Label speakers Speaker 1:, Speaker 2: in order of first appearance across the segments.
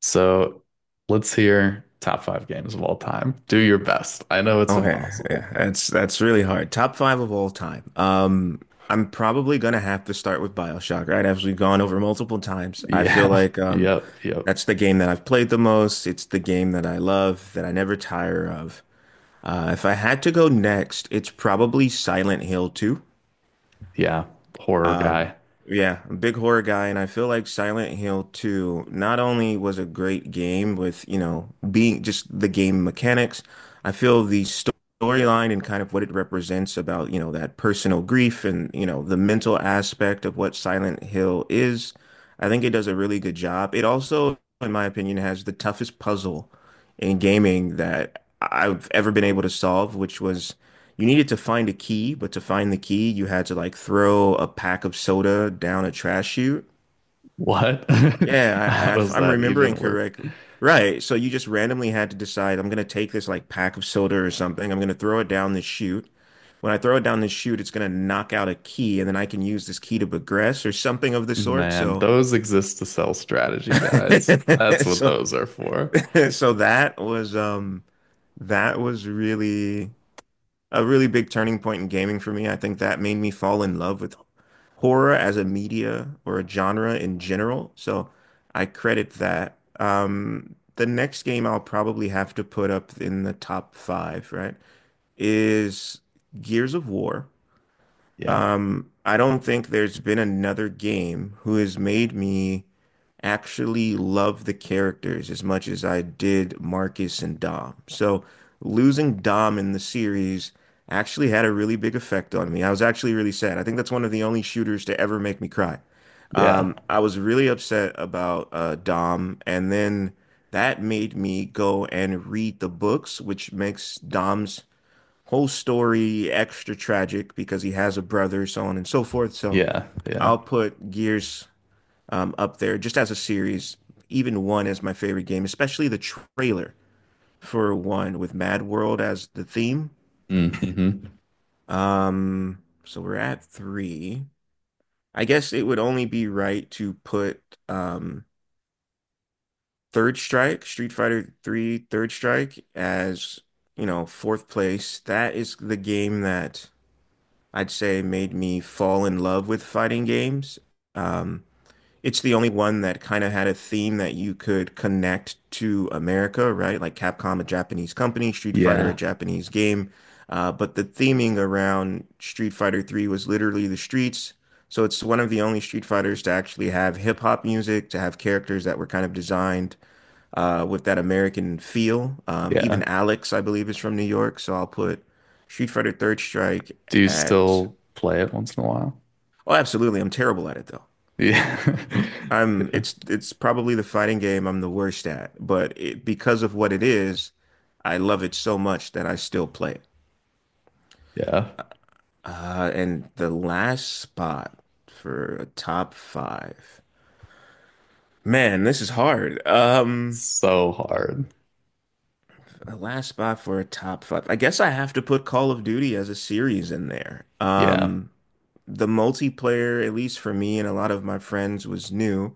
Speaker 1: So let's hear top five games of all time. Do your best. I know it's
Speaker 2: Okay,
Speaker 1: impossible.
Speaker 2: yeah, that's really hard. Top five of all time. I'm probably gonna have to start with BioShock, right? As we've gone over multiple times, I feel
Speaker 1: Yeah.
Speaker 2: like
Speaker 1: Yep. Yep.
Speaker 2: that's the game that I've played the most. It's the game that I love, that I never tire of. If I had to go next, it's probably Silent Hill 2.
Speaker 1: Yeah. Horror guy.
Speaker 2: Yeah, I'm a big horror guy, and I feel like Silent Hill 2 not only was a great game with, you know, being just the game mechanics. I feel the storyline and kind of what it represents about, you know, that personal grief and, you know, the mental aspect of what Silent Hill is. I think it does a really good job. It also, in my opinion, has the toughest puzzle in gaming that I've ever been able to solve, which was you needed to find a key, but to find the key, you had to like throw a pack of soda down a trash chute.
Speaker 1: What?
Speaker 2: Yeah,
Speaker 1: How
Speaker 2: if
Speaker 1: does
Speaker 2: I'm
Speaker 1: that
Speaker 2: remembering
Speaker 1: even work?
Speaker 2: correctly. Right. So you just randomly had to decide, I'm going to take this like pack of soda or something. I'm going to throw it down this chute. When I throw it down this chute, it's going to knock out a key, and then I can use this key to progress or something of the sort.
Speaker 1: Man,
Speaker 2: So,
Speaker 1: those exist to sell strategy guides. That's what
Speaker 2: so,
Speaker 1: those are for.
Speaker 2: so that was that was really a really big turning point in gaming for me. I think that made me fall in love with horror as a media or a genre in general. So I credit that. The next game I'll probably have to put up in the top five, right, is Gears of War.
Speaker 1: Yeah.
Speaker 2: I don't think there's been another game who has made me actually love the characters as much as I did Marcus and Dom. So losing Dom in the series actually had a really big effect on me. I was actually really sad. I think that's one of the only shooters to ever make me cry.
Speaker 1: Yeah.
Speaker 2: I was really upset about Dom, and then that made me go and read the books, which makes Dom's whole story extra tragic because he has a brother, so on and so forth. So
Speaker 1: Yeah. Yeah.
Speaker 2: I'll put Gears up there just as a series, even one is my favorite game, especially the trailer for one with Mad World as the theme.
Speaker 1: Hmm.
Speaker 2: Um, so we're at three. I guess it would only be right to put um Third Strike, Street Fighter Three, Third Strike as, you know, fourth place. That is the game that I'd say made me fall in love with fighting games. Um, it's the only one that kind of had a theme that you could connect to America, right? Like Capcom, a Japanese company, Street Fighter, a
Speaker 1: Yeah.
Speaker 2: Japanese game. But the theming around Street Fighter 3 was literally the streets. So it's one of the only Street Fighters to actually have hip hop music, to have characters that were kind of designed with that American feel. Even
Speaker 1: Yeah.
Speaker 2: Alex, I believe, is from New York, so I'll put Street Fighter Third Strike
Speaker 1: Do you
Speaker 2: at.
Speaker 1: still play it once in a while?
Speaker 2: Oh, absolutely. I'm terrible at it though.
Speaker 1: Yeah.
Speaker 2: I'm
Speaker 1: Yeah.
Speaker 2: it's probably the fighting game I'm the worst at, but it, because of what it is, I love it so much that I still play it.
Speaker 1: Yeah.
Speaker 2: And the last spot for a top five. Man, this is hard.
Speaker 1: So hard.
Speaker 2: A last spot for a top five. I guess I have to put Call of Duty as a series in there.
Speaker 1: Yeah.
Speaker 2: The multiplayer, at least for me and a lot of my friends, was new.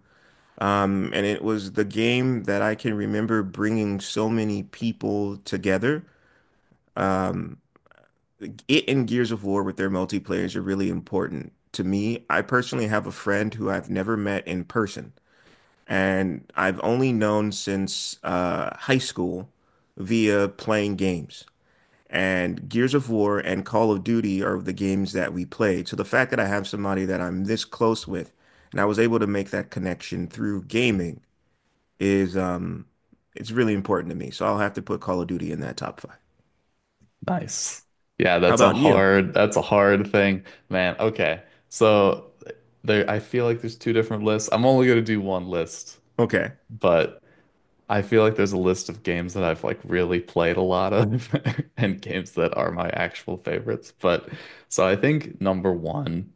Speaker 2: And it was the game that I can remember bringing so many people together. Um, it and Gears of War with their multiplayers are really important to me. I personally have a friend who I've never met in person, and I've only known since high school via playing games, and Gears of War and Call of Duty are the games that we played. So the fact that I have somebody that I'm this close with and I was able to make that connection through gaming is it's really important to me. So I'll have to put Call of Duty in that top five.
Speaker 1: Nice. Yeah,
Speaker 2: How
Speaker 1: that's a
Speaker 2: about you?
Speaker 1: hard thing, man. Okay. So there I feel like there's two different lists. I'm only gonna do one list,
Speaker 2: Okay.
Speaker 1: but I feel like there's a list of games that I've like really played a lot of, and games that are my actual favorites. But so I think number one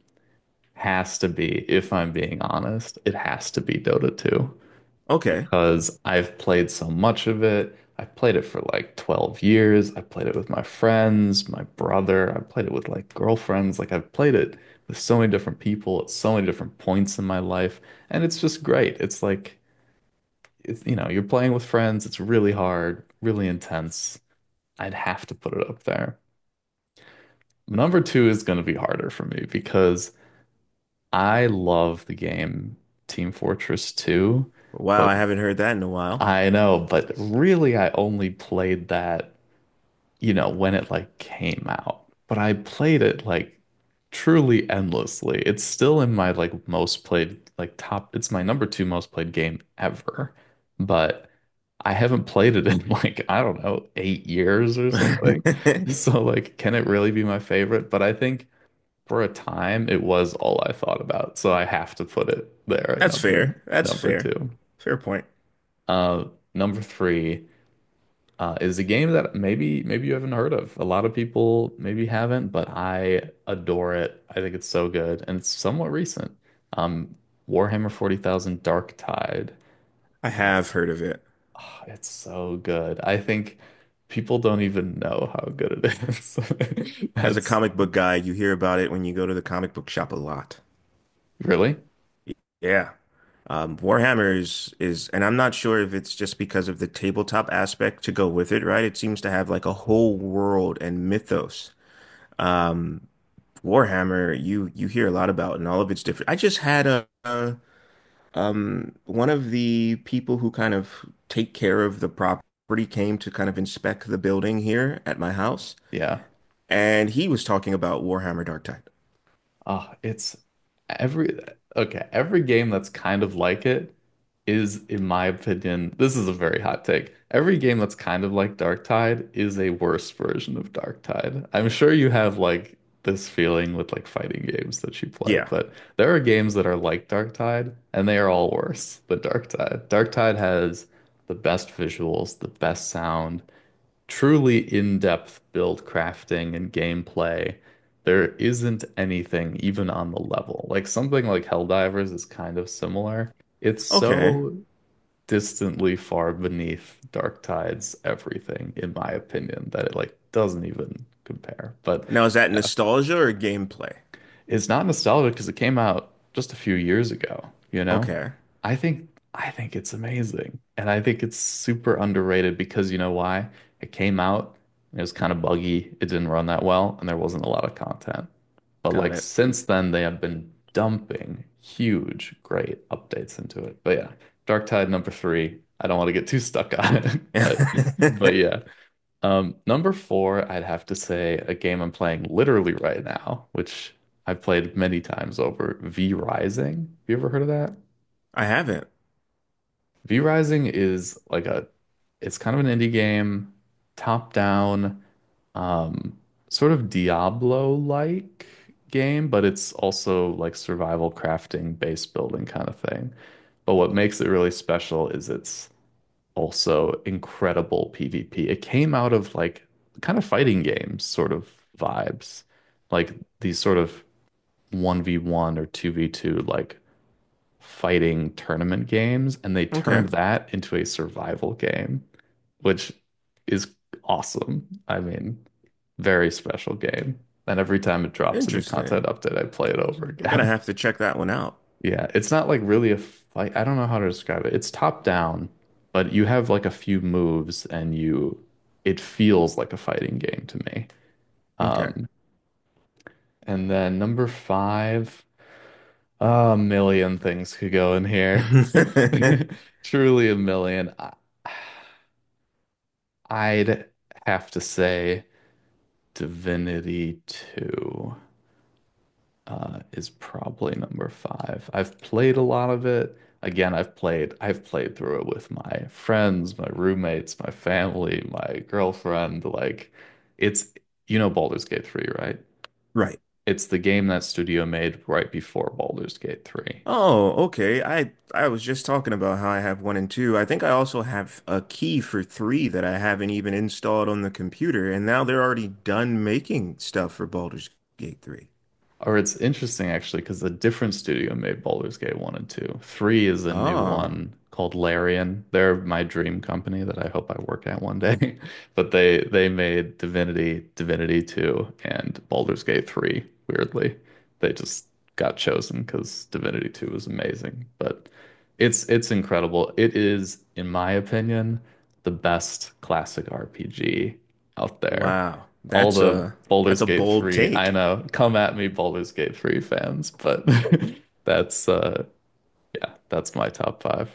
Speaker 1: has to be, if I'm being honest, it has to be Dota 2,
Speaker 2: Okay.
Speaker 1: because I've played so much of it. I've played it for like 12 years. I played it with my friends, my brother. I played it with like girlfriends. Like, I've played it with so many different people at so many different points in my life. And it's just great. It's like, it's, you know, you're playing with friends. It's really hard, really intense. I'd have to put it up there. Number two is going to be harder for me, because I love the game Team Fortress 2,
Speaker 2: Wow,
Speaker 1: but
Speaker 2: I haven't heard that in a while.
Speaker 1: I know, but really I only played that when it like came out. But I played it like truly endlessly. It's still in my like most played like top, it's my number two most played game ever. But I haven't played it in like, I don't know, 8 years or something. So like, can it really be my favorite? But I think for a time it was all I thought about. So I have to put it there at
Speaker 2: That's
Speaker 1: number
Speaker 2: fair. That's
Speaker 1: number
Speaker 2: fair.
Speaker 1: two.
Speaker 2: Fair point.
Speaker 1: Uh, number three is a game that maybe you haven't heard of. A lot of people maybe haven't, but I adore it. I think it's so good, and it's somewhat recent. Um, Warhammer 40,000 Darktide.
Speaker 2: I
Speaker 1: Mm.
Speaker 2: have heard of it.
Speaker 1: Ah, it's so good. I think people don't even know how good it is.
Speaker 2: As a
Speaker 1: That's
Speaker 2: comic book guy, you hear about it when you go to the comic book shop a lot.
Speaker 1: Really?
Speaker 2: Yeah. Warhammer and I'm not sure if it's just because of the tabletop aspect to go with it, right? It seems to have like a whole world and mythos. Warhammer, you hear a lot about, and all of it's different. I just had a one of the people who kind of take care of the property came to kind of inspect the building here at my house,
Speaker 1: Yeah.
Speaker 2: and he was talking about Warhammer Dark Tide.
Speaker 1: Oh, it's every okay, every game that's kind of like it is, in my opinion, this is a very hot take. Every game that's kind of like Darktide is a worse version of Darktide. I'm sure you have like this feeling with like fighting games that you play,
Speaker 2: Yeah.
Speaker 1: but there are games that are like Darktide, and they are all worse than Darktide. Darktide has the best visuals, the best sound, truly in-depth build crafting and gameplay. There isn't anything even on the level. Like, something like Helldivers is kind of similar. It's
Speaker 2: Okay.
Speaker 1: so distantly far beneath Darktide's everything, in my opinion, that it like doesn't even compare. But
Speaker 2: Now is that
Speaker 1: yeah,
Speaker 2: nostalgia or gameplay?
Speaker 1: it's not nostalgic, because it came out just a few years ago, you know?
Speaker 2: Okay.
Speaker 1: I think I think it's amazing. And I think it's super underrated, because you know why? It came out, it was kind of buggy, it didn't run that well, and there wasn't a lot of content. But
Speaker 2: Got
Speaker 1: like, since then they have been dumping huge, great updates into it. But yeah, Dark Tide number three. I don't want to get too stuck on it, but
Speaker 2: it.
Speaker 1: yeah. Number four, I'd have to say a game I'm playing literally right now, which I've played many times over, V Rising. Have you ever heard of that?
Speaker 2: I haven't.
Speaker 1: V Rising is it's kind of an indie game, top down, um, sort of Diablo-like game, but it's also like survival crafting, base building kind of thing. But what makes it really special is it's also incredible PvP. It came out of like kind of fighting games sort of vibes, like these sort of 1v1 or 2v2 like fighting tournament games, and they
Speaker 2: Okay.
Speaker 1: turned that into a survival game, which is awesome. I mean, very special game. And every time it drops a new
Speaker 2: Interesting.
Speaker 1: content update, I play it over
Speaker 2: I'm gonna
Speaker 1: again.
Speaker 2: have to check that one out.
Speaker 1: Yeah, it's not like really a fight. I don't know how to describe it. It's top down, but you have like a few moves, and you it feels like a fighting game to me.
Speaker 2: Okay.
Speaker 1: Um, and then number five, a million things could go in here. Truly a million. I'd have to say Divinity 2, is probably number five. I've played a lot of it. Again, I've played through it with my friends, my roommates, my family, my girlfriend. Like, it's you know Baldur's Gate 3, right?
Speaker 2: Right.
Speaker 1: It's the game that studio made right before Baldur's Gate 3.
Speaker 2: Oh, okay. I was just talking about how I have one and two. I think I also have a key for three that I haven't even installed on the computer, and now they're already done making stuff for Baldur's Gate 3.
Speaker 1: Or, it's interesting actually, because a different studio made Baldur's Gate 1 and 2. 3 is a new
Speaker 2: Oh,
Speaker 1: one called Larian. They're my dream company that I hope I work at one day. But they made Divinity, Divinity 2, and Baldur's Gate 3, weirdly. They just got chosen because Divinity 2 was amazing. But it's incredible. It is, in my opinion, the best classic RPG out there,
Speaker 2: wow.
Speaker 1: all
Speaker 2: That's
Speaker 1: the
Speaker 2: a that's
Speaker 1: Baldur's
Speaker 2: a
Speaker 1: Gate
Speaker 2: bold
Speaker 1: 3. I
Speaker 2: take.
Speaker 1: know, come at me, Baldur's Gate 3 fans, but that's yeah, that's my top five.